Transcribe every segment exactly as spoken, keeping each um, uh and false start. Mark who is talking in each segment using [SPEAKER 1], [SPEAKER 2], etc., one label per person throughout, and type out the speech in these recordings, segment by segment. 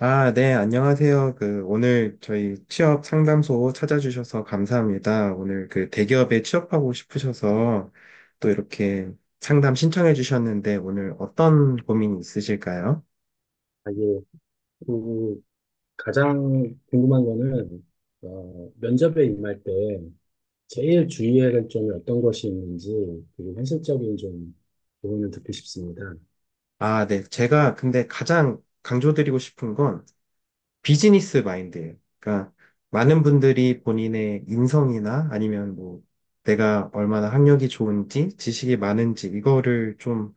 [SPEAKER 1] 아, 네, 안녕하세요. 그, 오늘 저희 취업 상담소 찾아주셔서 감사합니다. 오늘 그 대기업에 취업하고 싶으셔서 또 이렇게 상담 신청해 주셨는데 오늘 어떤 고민이 있으실까요?
[SPEAKER 2] 아, 예. 그 가장 궁금한 거는 어, 면접에 임할 때 제일 주의해야 할 점이 어떤 것이 있는지, 그리고 현실적인 좀 조언을 듣고 싶습니다.
[SPEAKER 1] 아, 네. 제가 근데 가장 강조드리고 싶은 건 비즈니스 마인드예요. 그러니까 많은 분들이 본인의 인성이나 아니면 뭐 내가 얼마나 학력이 좋은지, 지식이 많은지 이거를 좀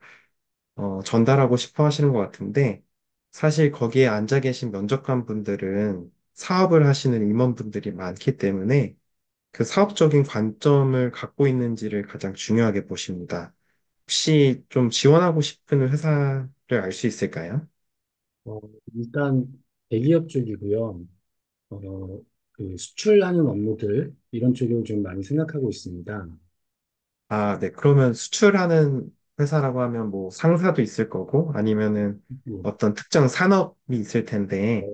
[SPEAKER 1] 어, 전달하고 싶어 하시는 것 같은데, 사실 거기에 앉아 계신 면접관 분들은 사업을 하시는 임원분들이 많기 때문에 그 사업적인 관점을 갖고 있는지를 가장 중요하게 보십니다. 혹시 좀 지원하고 싶은 회사를 알 수 있을까요?
[SPEAKER 2] 어, 일단 대기업 쪽이고요. 어, 그 수출하는 업무들 이런 쪽을 좀 많이 생각하고 있습니다.
[SPEAKER 1] 아, 네. 그러면 수출하는 회사라고 하면 뭐 상사도 있을 거고 아니면은
[SPEAKER 2] 뭐,
[SPEAKER 1] 어떤 특정 산업이 있을
[SPEAKER 2] 어,
[SPEAKER 1] 텐데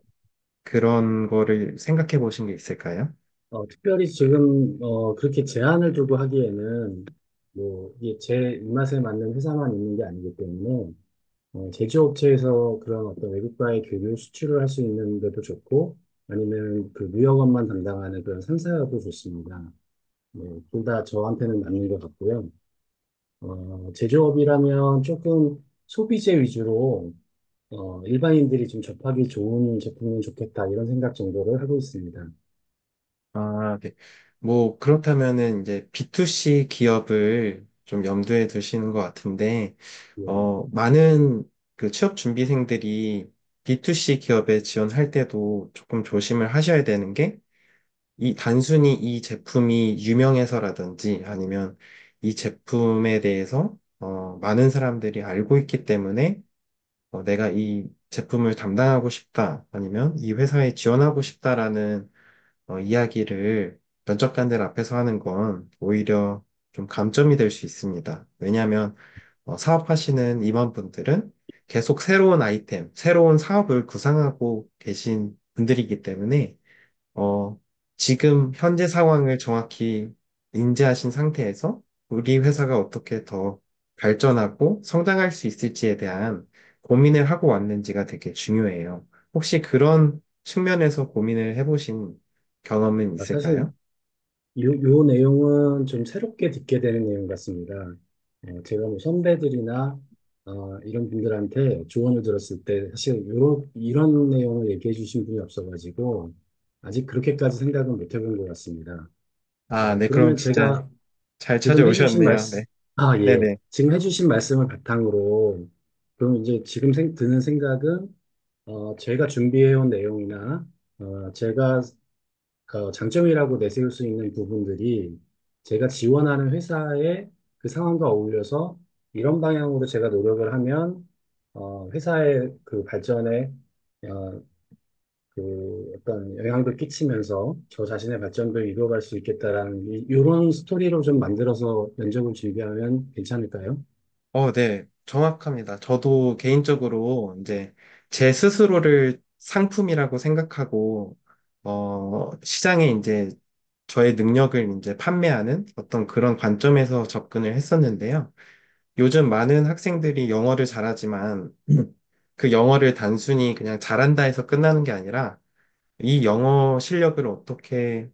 [SPEAKER 1] 그런 거를 생각해 보신 게 있을까요?
[SPEAKER 2] 어, 특별히 지금 어, 그렇게 제한을 두고 하기에는 뭐 이게 제 입맛에 맞는 회사만 있는 게 아니기 때문에, 어, 제조업체에서 그런 어떤 외국과의 교류 수출을 할 수 있는 데도 좋고, 아니면 그 무역업만 담당하는 그런 상사도 좋습니다. 네, 둘다 저한테는 맞는 것 같고요. 어, 제조업이라면 조금 소비재 위주로 어, 일반인들이 좀 접하기 좋은 제품은 좋겠다 이런 생각 정도를 하고 있습니다.
[SPEAKER 1] 아, 네. 뭐, 그렇다면은 이제 비투씨 기업을 좀 염두에 두시는 것 같은데,
[SPEAKER 2] 예,
[SPEAKER 1] 어, 많은 그 취업 준비생들이 비투씨 기업에 지원할 때도 조금 조심을 하셔야 되는 게, 이 단순히 이 제품이 유명해서라든지 아니면 이 제품에 대해서 어, 많은 사람들이 알고 있기 때문에 어, 내가 이 제품을 담당하고 싶다 아니면 이 회사에 지원하고 싶다라는 어, 이야기를 면접관들 앞에서 하는 건 오히려 좀 감점이 될 수 있습니다. 왜냐하면 어, 사업하시는 임원분들은 계속 새로운 아이템, 새로운 사업을 구상하고 계신 분들이기 때문에 어, 지금 현재 상황을 정확히 인지하신 상태에서 우리 회사가 어떻게 더 발전하고 성장할 수 있을지에 대한 고민을 하고 왔는지가 되게 중요해요. 혹시 그런 측면에서 고민을 해보신 경험은
[SPEAKER 2] 아, 사실
[SPEAKER 1] 있을까요?
[SPEAKER 2] 요, 요 내용은 좀 새롭게 듣게 되는 내용 같습니다. 어, 제가 뭐 선배들이나 어, 이런 분들한테 조언을 들었을 때 사실 요런, 이런 내용을 얘기해 주신 분이 없어가지고 아직 그렇게까지 생각은 못 해본 것 같습니다. 어,
[SPEAKER 1] 아, 네, 그럼
[SPEAKER 2] 그러면
[SPEAKER 1] 진짜
[SPEAKER 2] 제가
[SPEAKER 1] 잘
[SPEAKER 2] 지금 해주신
[SPEAKER 1] 찾아오셨네요. 네,
[SPEAKER 2] 말씀, 아, 예.
[SPEAKER 1] 네네.
[SPEAKER 2] 지금 해주신 말씀을 바탕으로 그럼 이제 지금 생- 드는 생각은, 어, 제가 준비해온 내용이나 어, 제가 어, 장점이라고 내세울 수 있는 부분들이 제가 지원하는 회사의 그 상황과 어울려서 이런 방향으로 제가 노력을 하면, 어, 회사의 그 발전에 어, 그 어떤 영향도 끼치면서 저 자신의 발전도 이루어갈 수 있겠다라는 이- 이런 스토리로 좀 만들어서 면접을 준비하면 괜찮을까요?
[SPEAKER 1] 어, 네, 정확합니다. 저도 개인적으로 이제 제 스스로를 상품이라고 생각하고, 어, 시장에 이제 저의 능력을 이제 판매하는 어떤 그런 관점에서 접근을 했었는데요. 요즘 많은 학생들이 영어를 잘하지만 그 영어를 단순히 그냥 잘한다 해서 끝나는 게 아니라 이 영어 실력을 어떻게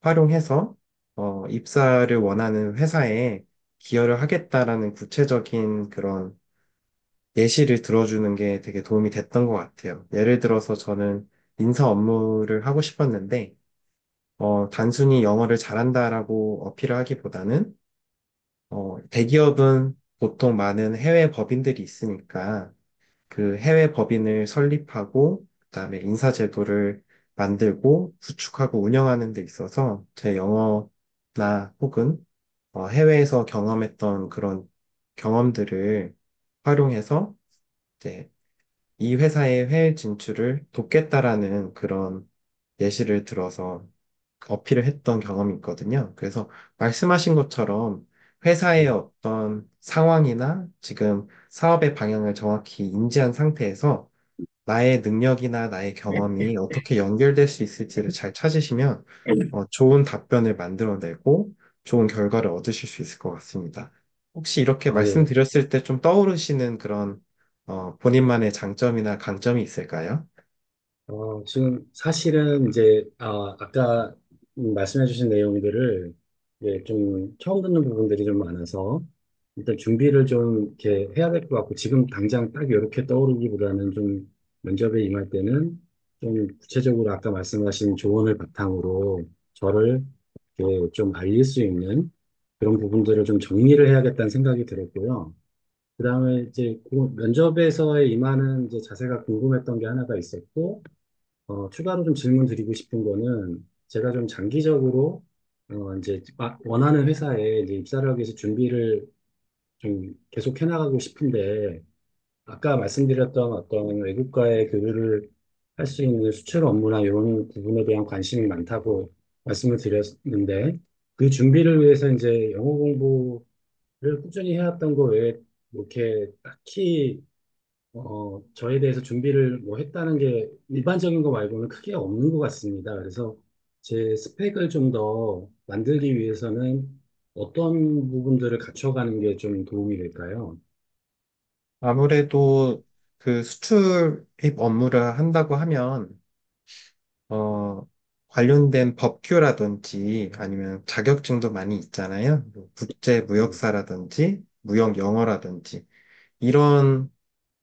[SPEAKER 1] 활용해서 어, 입사를 원하는 회사에 기여를 하겠다라는 구체적인 그런 예시를 들어주는 게 되게 도움이 됐던 것 같아요. 예를 들어서 저는 인사 업무를 하고 싶었는데, 어, 단순히 영어를 잘한다라고 어필을 하기보다는, 어, 대기업은 보통 많은 해외 법인들이 있으니까, 그 해외 법인을 설립하고, 그다음에 인사 제도를 만들고, 구축하고 운영하는 데 있어서 제 영어나 혹은 어, 해외에서 경험했던 그런 경험들을 활용해서 이제 이 회사의 해외 진출을 돕겠다라는 그런 예시를 들어서 어필을 했던 경험이 있거든요. 그래서 말씀하신 것처럼 회사의
[SPEAKER 2] 음.
[SPEAKER 1] 어떤 상황이나 지금 사업의 방향을 정확히 인지한 상태에서 나의 능력이나 나의 경험이 어떻게 연결될 수 있을지를 잘 찾으시면 어, 좋은 답변을 만들어내고 좋은 결과를 얻으실 수 있을 것 같습니다. 혹시 이렇게
[SPEAKER 2] 아, 예,
[SPEAKER 1] 말씀드렸을 때 좀 떠오르시는 그런 어, 본인만의 장점이나 강점이 있을까요?
[SPEAKER 2] 어, 지금 사실은 이제 아, 아까 말씀해주신 내용들을 이제 좀 처음 듣는 부분들이 좀 많아서, 일단 준비를 좀 이렇게 해야 될 것 같고, 지금 당장 딱 이렇게 떠오르기보다는 좀 면접에 임할 때는 좀 구체적으로 아까 말씀하신 조언을 바탕으로 저를 이렇게 좀 알릴 수 있는 그런 부분들을 좀 정리를 해야겠다는 생각이 들었고요. 그다음에 이제 그 면접에서의 임하는 이제 자세가 궁금했던 게 하나가 있었고. 어, 추가로 좀 질문 드리고 싶은 거는 제가 좀 장기적으로 어, 이제 마- 원하는 회사에 이제 입사를 하기 위해서 준비를 좀 계속 해나가고 싶은데, 아까 말씀드렸던 어떤 외국과의 교류를 할 수 있는 수출 업무나 이런 부분에 대한 관심이 많다고 말씀을 드렸는데, 그 준비를 위해서 이제 영어 공부를 꾸준히 해왔던 거 외에 뭐 이렇게 딱히 어, 저에 대해서 준비를 뭐 했다는 게 일반적인 거 말고는 크게 없는 것 같습니다. 그래서 제 스펙을 좀 더 만들기 위해서는 어떤 부분들을 갖춰가는 게 좀 도움이 될까요?
[SPEAKER 1] 아무래도 그 수출입 업무를 한다고 하면 어, 관련된 법규라든지 아니면 자격증도 많이 있잖아요. 뭐 국제
[SPEAKER 2] 뭐,
[SPEAKER 1] 무역사라든지 무역 영어라든지 이런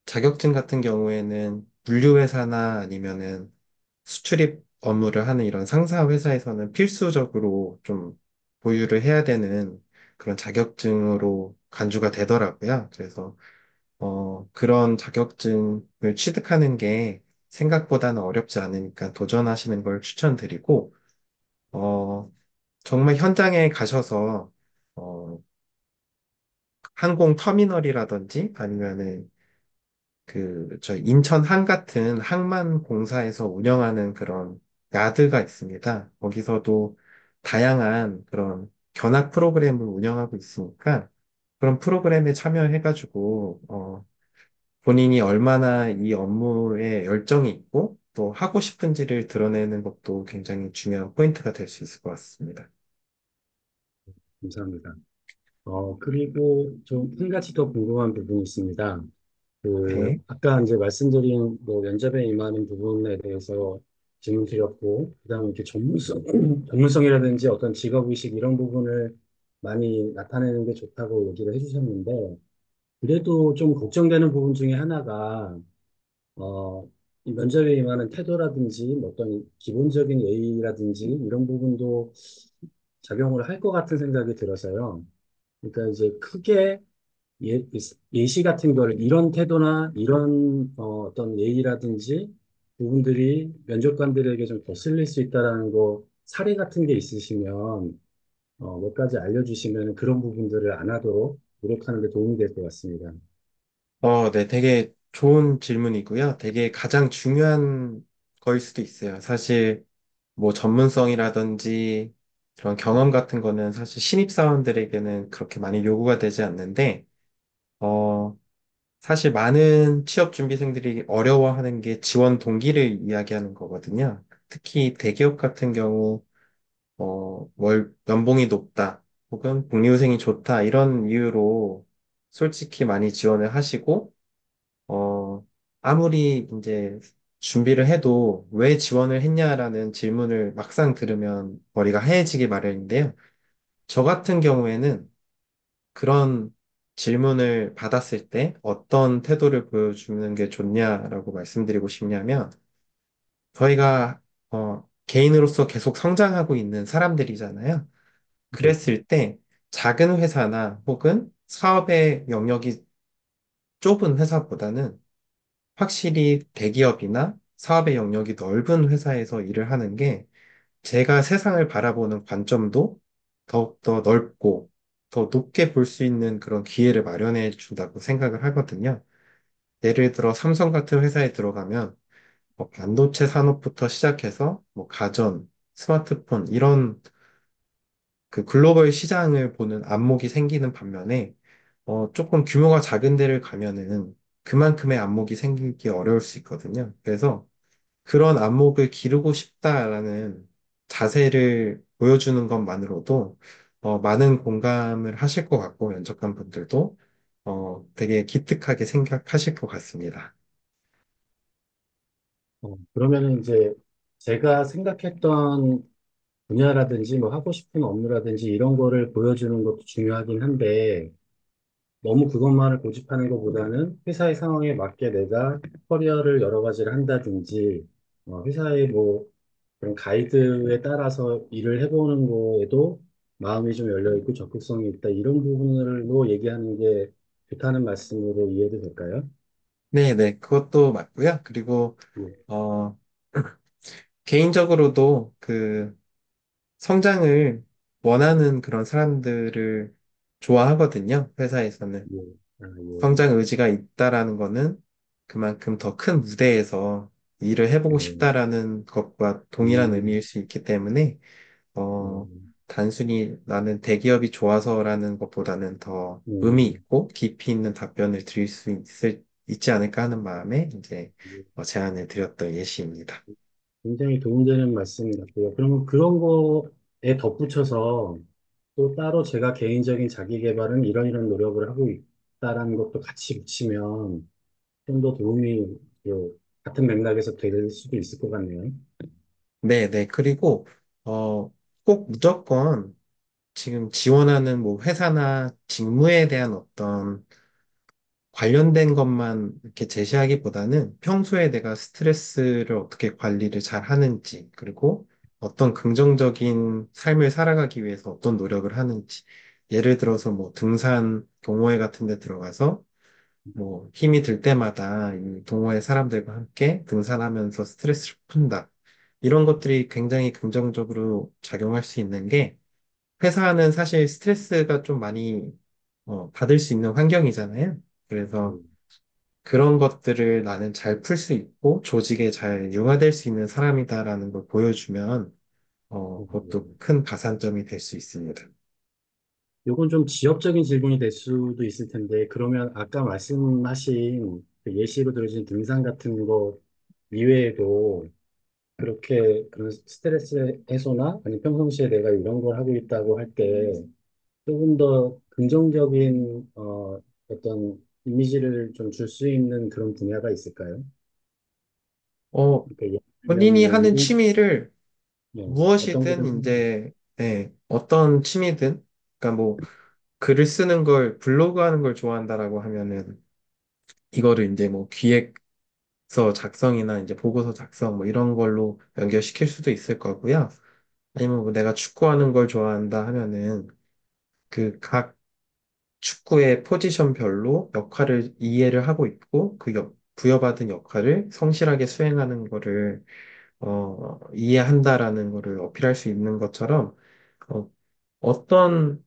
[SPEAKER 1] 자격증 같은 경우에는 물류회사나 아니면은 수출입 업무를 하는 이런 상사 회사에서는 필수적으로 좀 보유를 해야 되는 그런 자격증으로 간주가 되더라고요. 그래서 어, 그런 자격증을 취득하는 게 생각보다는 어렵지 않으니까 도전하시는 걸 추천드리고 어, 정말 현장에 가셔서 어, 항공 터미널이라든지 아니면은 그, 저 인천 항 같은 항만 공사에서 운영하는 그런 야드가 있습니다. 거기서도 다양한 그런 견학 프로그램을 운영하고 있으니까 그런 프로그램에 참여해가지고, 어, 본인이 얼마나 이 업무에 열정이 있고 또 하고 싶은지를 드러내는 것도 굉장히 중요한 포인트가 될 수 있을 것 같습니다.
[SPEAKER 2] 감사합니다. 어, 그리고 좀 한 가지 더 궁금한 부분이 있습니다.
[SPEAKER 1] 네.
[SPEAKER 2] 그 아까 이제 말씀드린 뭐 면접에 임하는 부분에 대해서 질문 드렸고, 그다음에 이렇게 전문성 전문성이라든지 어떤 직업 의식 이런 부분을 많이 나타내는 게 좋다고 얘기를 해주셨는데, 그래도 좀 걱정되는 부분 중에 하나가 어, 이 면접에 임하는 태도라든지 뭐 어떤 기본적인 예의라든지 이런 부분도 작용을 할 것 같은 생각이 들어서요. 그러니까 이제 크게 예, 예시 같은 거를 이런 태도나 이런 어, 어떤 예의라든지 부분들이 면접관들에게 좀 거슬릴 수 있다라는 거 사례 같은 게 있으시면 어, 몇 가지 알려주시면 그런 부분들을 안 하도록 노력하는 데 도움이 될 것 같습니다.
[SPEAKER 1] 어, 네. 되게 좋은 질문이고요. 되게 가장 중요한 거일 수도 있어요. 사실 뭐 전문성이라든지 그런 경험 같은 거는 사실 신입사원들에게는 그렇게 많이 요구가 되지 않는데, 어, 사실 많은 취업준비생들이 어려워하는 게 지원 동기를 이야기하는 거거든요. 특히 대기업 같은 경우, 어, 월, 연봉이 높다, 혹은 복리후생이 좋다, 이런 이유로 솔직히 많이 지원을 하시고, 어, 아무리 이제 준비를 해도 왜 지원을 했냐라는 질문을 막상 들으면 머리가 하얘지기 마련인데요. 저 같은 경우에는 그런 질문을 받았을 때 어떤 태도를 보여주는 게 좋냐라고 말씀드리고 싶냐면 저희가 어, 개인으로서 계속 성장하고 있는 사람들이잖아요.
[SPEAKER 2] 네.
[SPEAKER 1] 그랬을 때 작은 회사나 혹은 사업의 영역이 좁은 회사보다는 확실히 대기업이나 사업의 영역이 넓은 회사에서 일을 하는 게 제가 세상을 바라보는 관점도 더욱더 넓고 더 높게 볼 수 있는 그런 기회를 마련해 준다고 생각을 하거든요. 예를 들어 삼성 같은 회사에 들어가면 뭐 반도체 산업부터 시작해서 뭐 가전, 스마트폰 이런 그 글로벌 시장을 보는 안목이 생기는 반면에 어, 조금 규모가 작은 데를 가면은 그만큼의 안목이 생기기 어려울 수 있거든요. 그래서 그런 안목을 기르고 싶다라는 자세를 보여주는 것만으로도 어, 많은 공감을 하실 것 같고 면접관 분들도 어, 되게 기특하게 생각하실 것 같습니다.
[SPEAKER 2] 어, 그러면은 이제 제가 생각했던 분야라든지 뭐 하고 싶은 업무라든지 이런 거를 보여주는 것도 중요하긴 한데, 너무 그것만을 고집하는 것보다는 회사의 상황에 맞게 내가 커리어를 여러 가지를 한다든지, 어, 회사의 뭐 그런 가이드에 따라서 일을 해보는 거에도 마음이 좀 열려있고 적극성이 있다. 이런 부분으로 얘기하는 게 좋다는 말씀으로 이해도 될까요?
[SPEAKER 1] 네, 네, 그것도 맞고요. 그리고
[SPEAKER 2] 예,
[SPEAKER 1] 어, 개인적으로도 그 성장을 원하는 그런 사람들을 좋아하거든요. 회사에서는.
[SPEAKER 2] 예, 아,
[SPEAKER 1] 성장 의지가 있다라는 거는 그만큼 더 큰 무대에서 일을
[SPEAKER 2] 예,
[SPEAKER 1] 해보고
[SPEAKER 2] 예,
[SPEAKER 1] 싶다라는 것과 동일한 의미일
[SPEAKER 2] 음,
[SPEAKER 1] 수 있기 때문에,
[SPEAKER 2] 예,
[SPEAKER 1] 어, 단순히 나는 대기업이 좋아서라는 것보다는 더 의미
[SPEAKER 2] 음,
[SPEAKER 1] 있고 깊이 있는 답변을 드릴 수 있을, 있지 않을까 하는 마음에 이제
[SPEAKER 2] 예.
[SPEAKER 1] 어, 제안을 드렸던 예시입니다.
[SPEAKER 2] 굉장히 도움되는 말씀 같고요. 그러면 그런 거에 덧붙여서 또 따로 제가 개인적인 자기 개발은 이런 이런 노력을 하고 있다라는 것도 같이 붙이면 좀 더 도움이 그 같은 맥락에서 될 수도 있을 것 같네요.
[SPEAKER 1] 네, 네. 그리고, 어, 꼭 무조건 지금 지원하는 뭐 회사나 직무에 대한 어떤 관련된 것만 이렇게 제시하기보다는 평소에 내가 스트레스를 어떻게 관리를 잘 하는지, 그리고 어떤 긍정적인 삶을 살아가기 위해서 어떤 노력을 하는지. 예를 들어서 뭐 등산 동호회 같은 데 들어가서 뭐 힘이 들 때마다 이 동호회 사람들과 함께 등산하면서 스트레스를 푼다. 이런 것들이 굉장히 긍정적으로 작용할 수 있는 게 회사는 사실 스트레스가 좀 많이 어, 받을 수 있는 환경이잖아요. 그래서
[SPEAKER 2] 그,
[SPEAKER 1] 그런 것들을 나는 잘 풀 수 있고 조직에 잘 융화될 수 있는 사람이다라는 걸 보여주면 어,
[SPEAKER 2] 어,
[SPEAKER 1] 그것도
[SPEAKER 2] 예.
[SPEAKER 1] 큰 가산점이 될 수 있습니다.
[SPEAKER 2] 요건 좀 지역적인 질문이 될 수도 있을 텐데, 그러면 아까 말씀하신 그 예시로 들으신 등산 같은 거 이외에도 그렇게 그런 스트레스 해소나, 아니 평상시에 내가 이런 걸 하고 있다고 할때 조금 더 긍정적인 어, 어떤 이미지를 좀 줄 수 있는 그런 분야가 있을까요?
[SPEAKER 1] 어,
[SPEAKER 2] 그러니까 예를 들면
[SPEAKER 1] 본인이
[SPEAKER 2] 뭐
[SPEAKER 1] 하는
[SPEAKER 2] 운동,
[SPEAKER 1] 취미를
[SPEAKER 2] 네, 어떤 거든
[SPEAKER 1] 무엇이든
[SPEAKER 2] 상관없어요.
[SPEAKER 1] 이제 네, 어떤 취미든 그러니까 뭐 글을 쓰는 걸 블로그 하는 걸 좋아한다라고 하면은 이거를 이제 뭐 기획서 작성이나 이제 보고서 작성 뭐 이런 걸로 연결시킬 수도 있을 거고요. 아니면 뭐 내가 축구하는 걸 좋아한다 하면은 그각 축구의 포지션별로 역할을 이해를 하고 있고 그 역- 부여받은 역할을 성실하게 수행하는 거를 어, 이해한다라는 거를 어필할 수 있는 것처럼 어, 어떤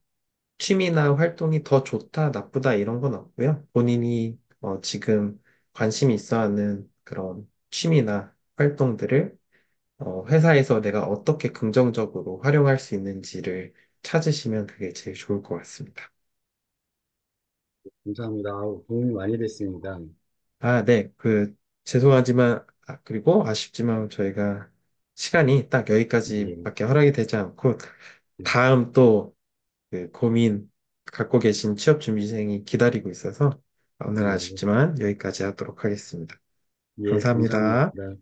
[SPEAKER 1] 취미나 활동이 더 좋다, 나쁘다 이런 건 없고요. 본인이 어, 지금 관심이 있어 하는 그런 취미나 활동들을 어, 회사에서 내가 어떻게 긍정적으로 활용할 수 있는지를 찾으시면 그게 제일 좋을 것 같습니다.
[SPEAKER 2] 감사합니다. 아우, 도움이 많이 됐습니다.
[SPEAKER 1] 아, 네. 그, 죄송하지만, 아, 그리고 아쉽지만 저희가 시간이 딱
[SPEAKER 2] 예,
[SPEAKER 1] 여기까지밖에 허락이 되지 않고,
[SPEAKER 2] 예,
[SPEAKER 1] 다음 또 그 고민 갖고 계신 취업준비생이 기다리고 있어서, 오늘
[SPEAKER 2] 예,
[SPEAKER 1] 아쉽지만 여기까지 하도록 하겠습니다.
[SPEAKER 2] 예,
[SPEAKER 1] 감사합니다.
[SPEAKER 2] 감사합니다.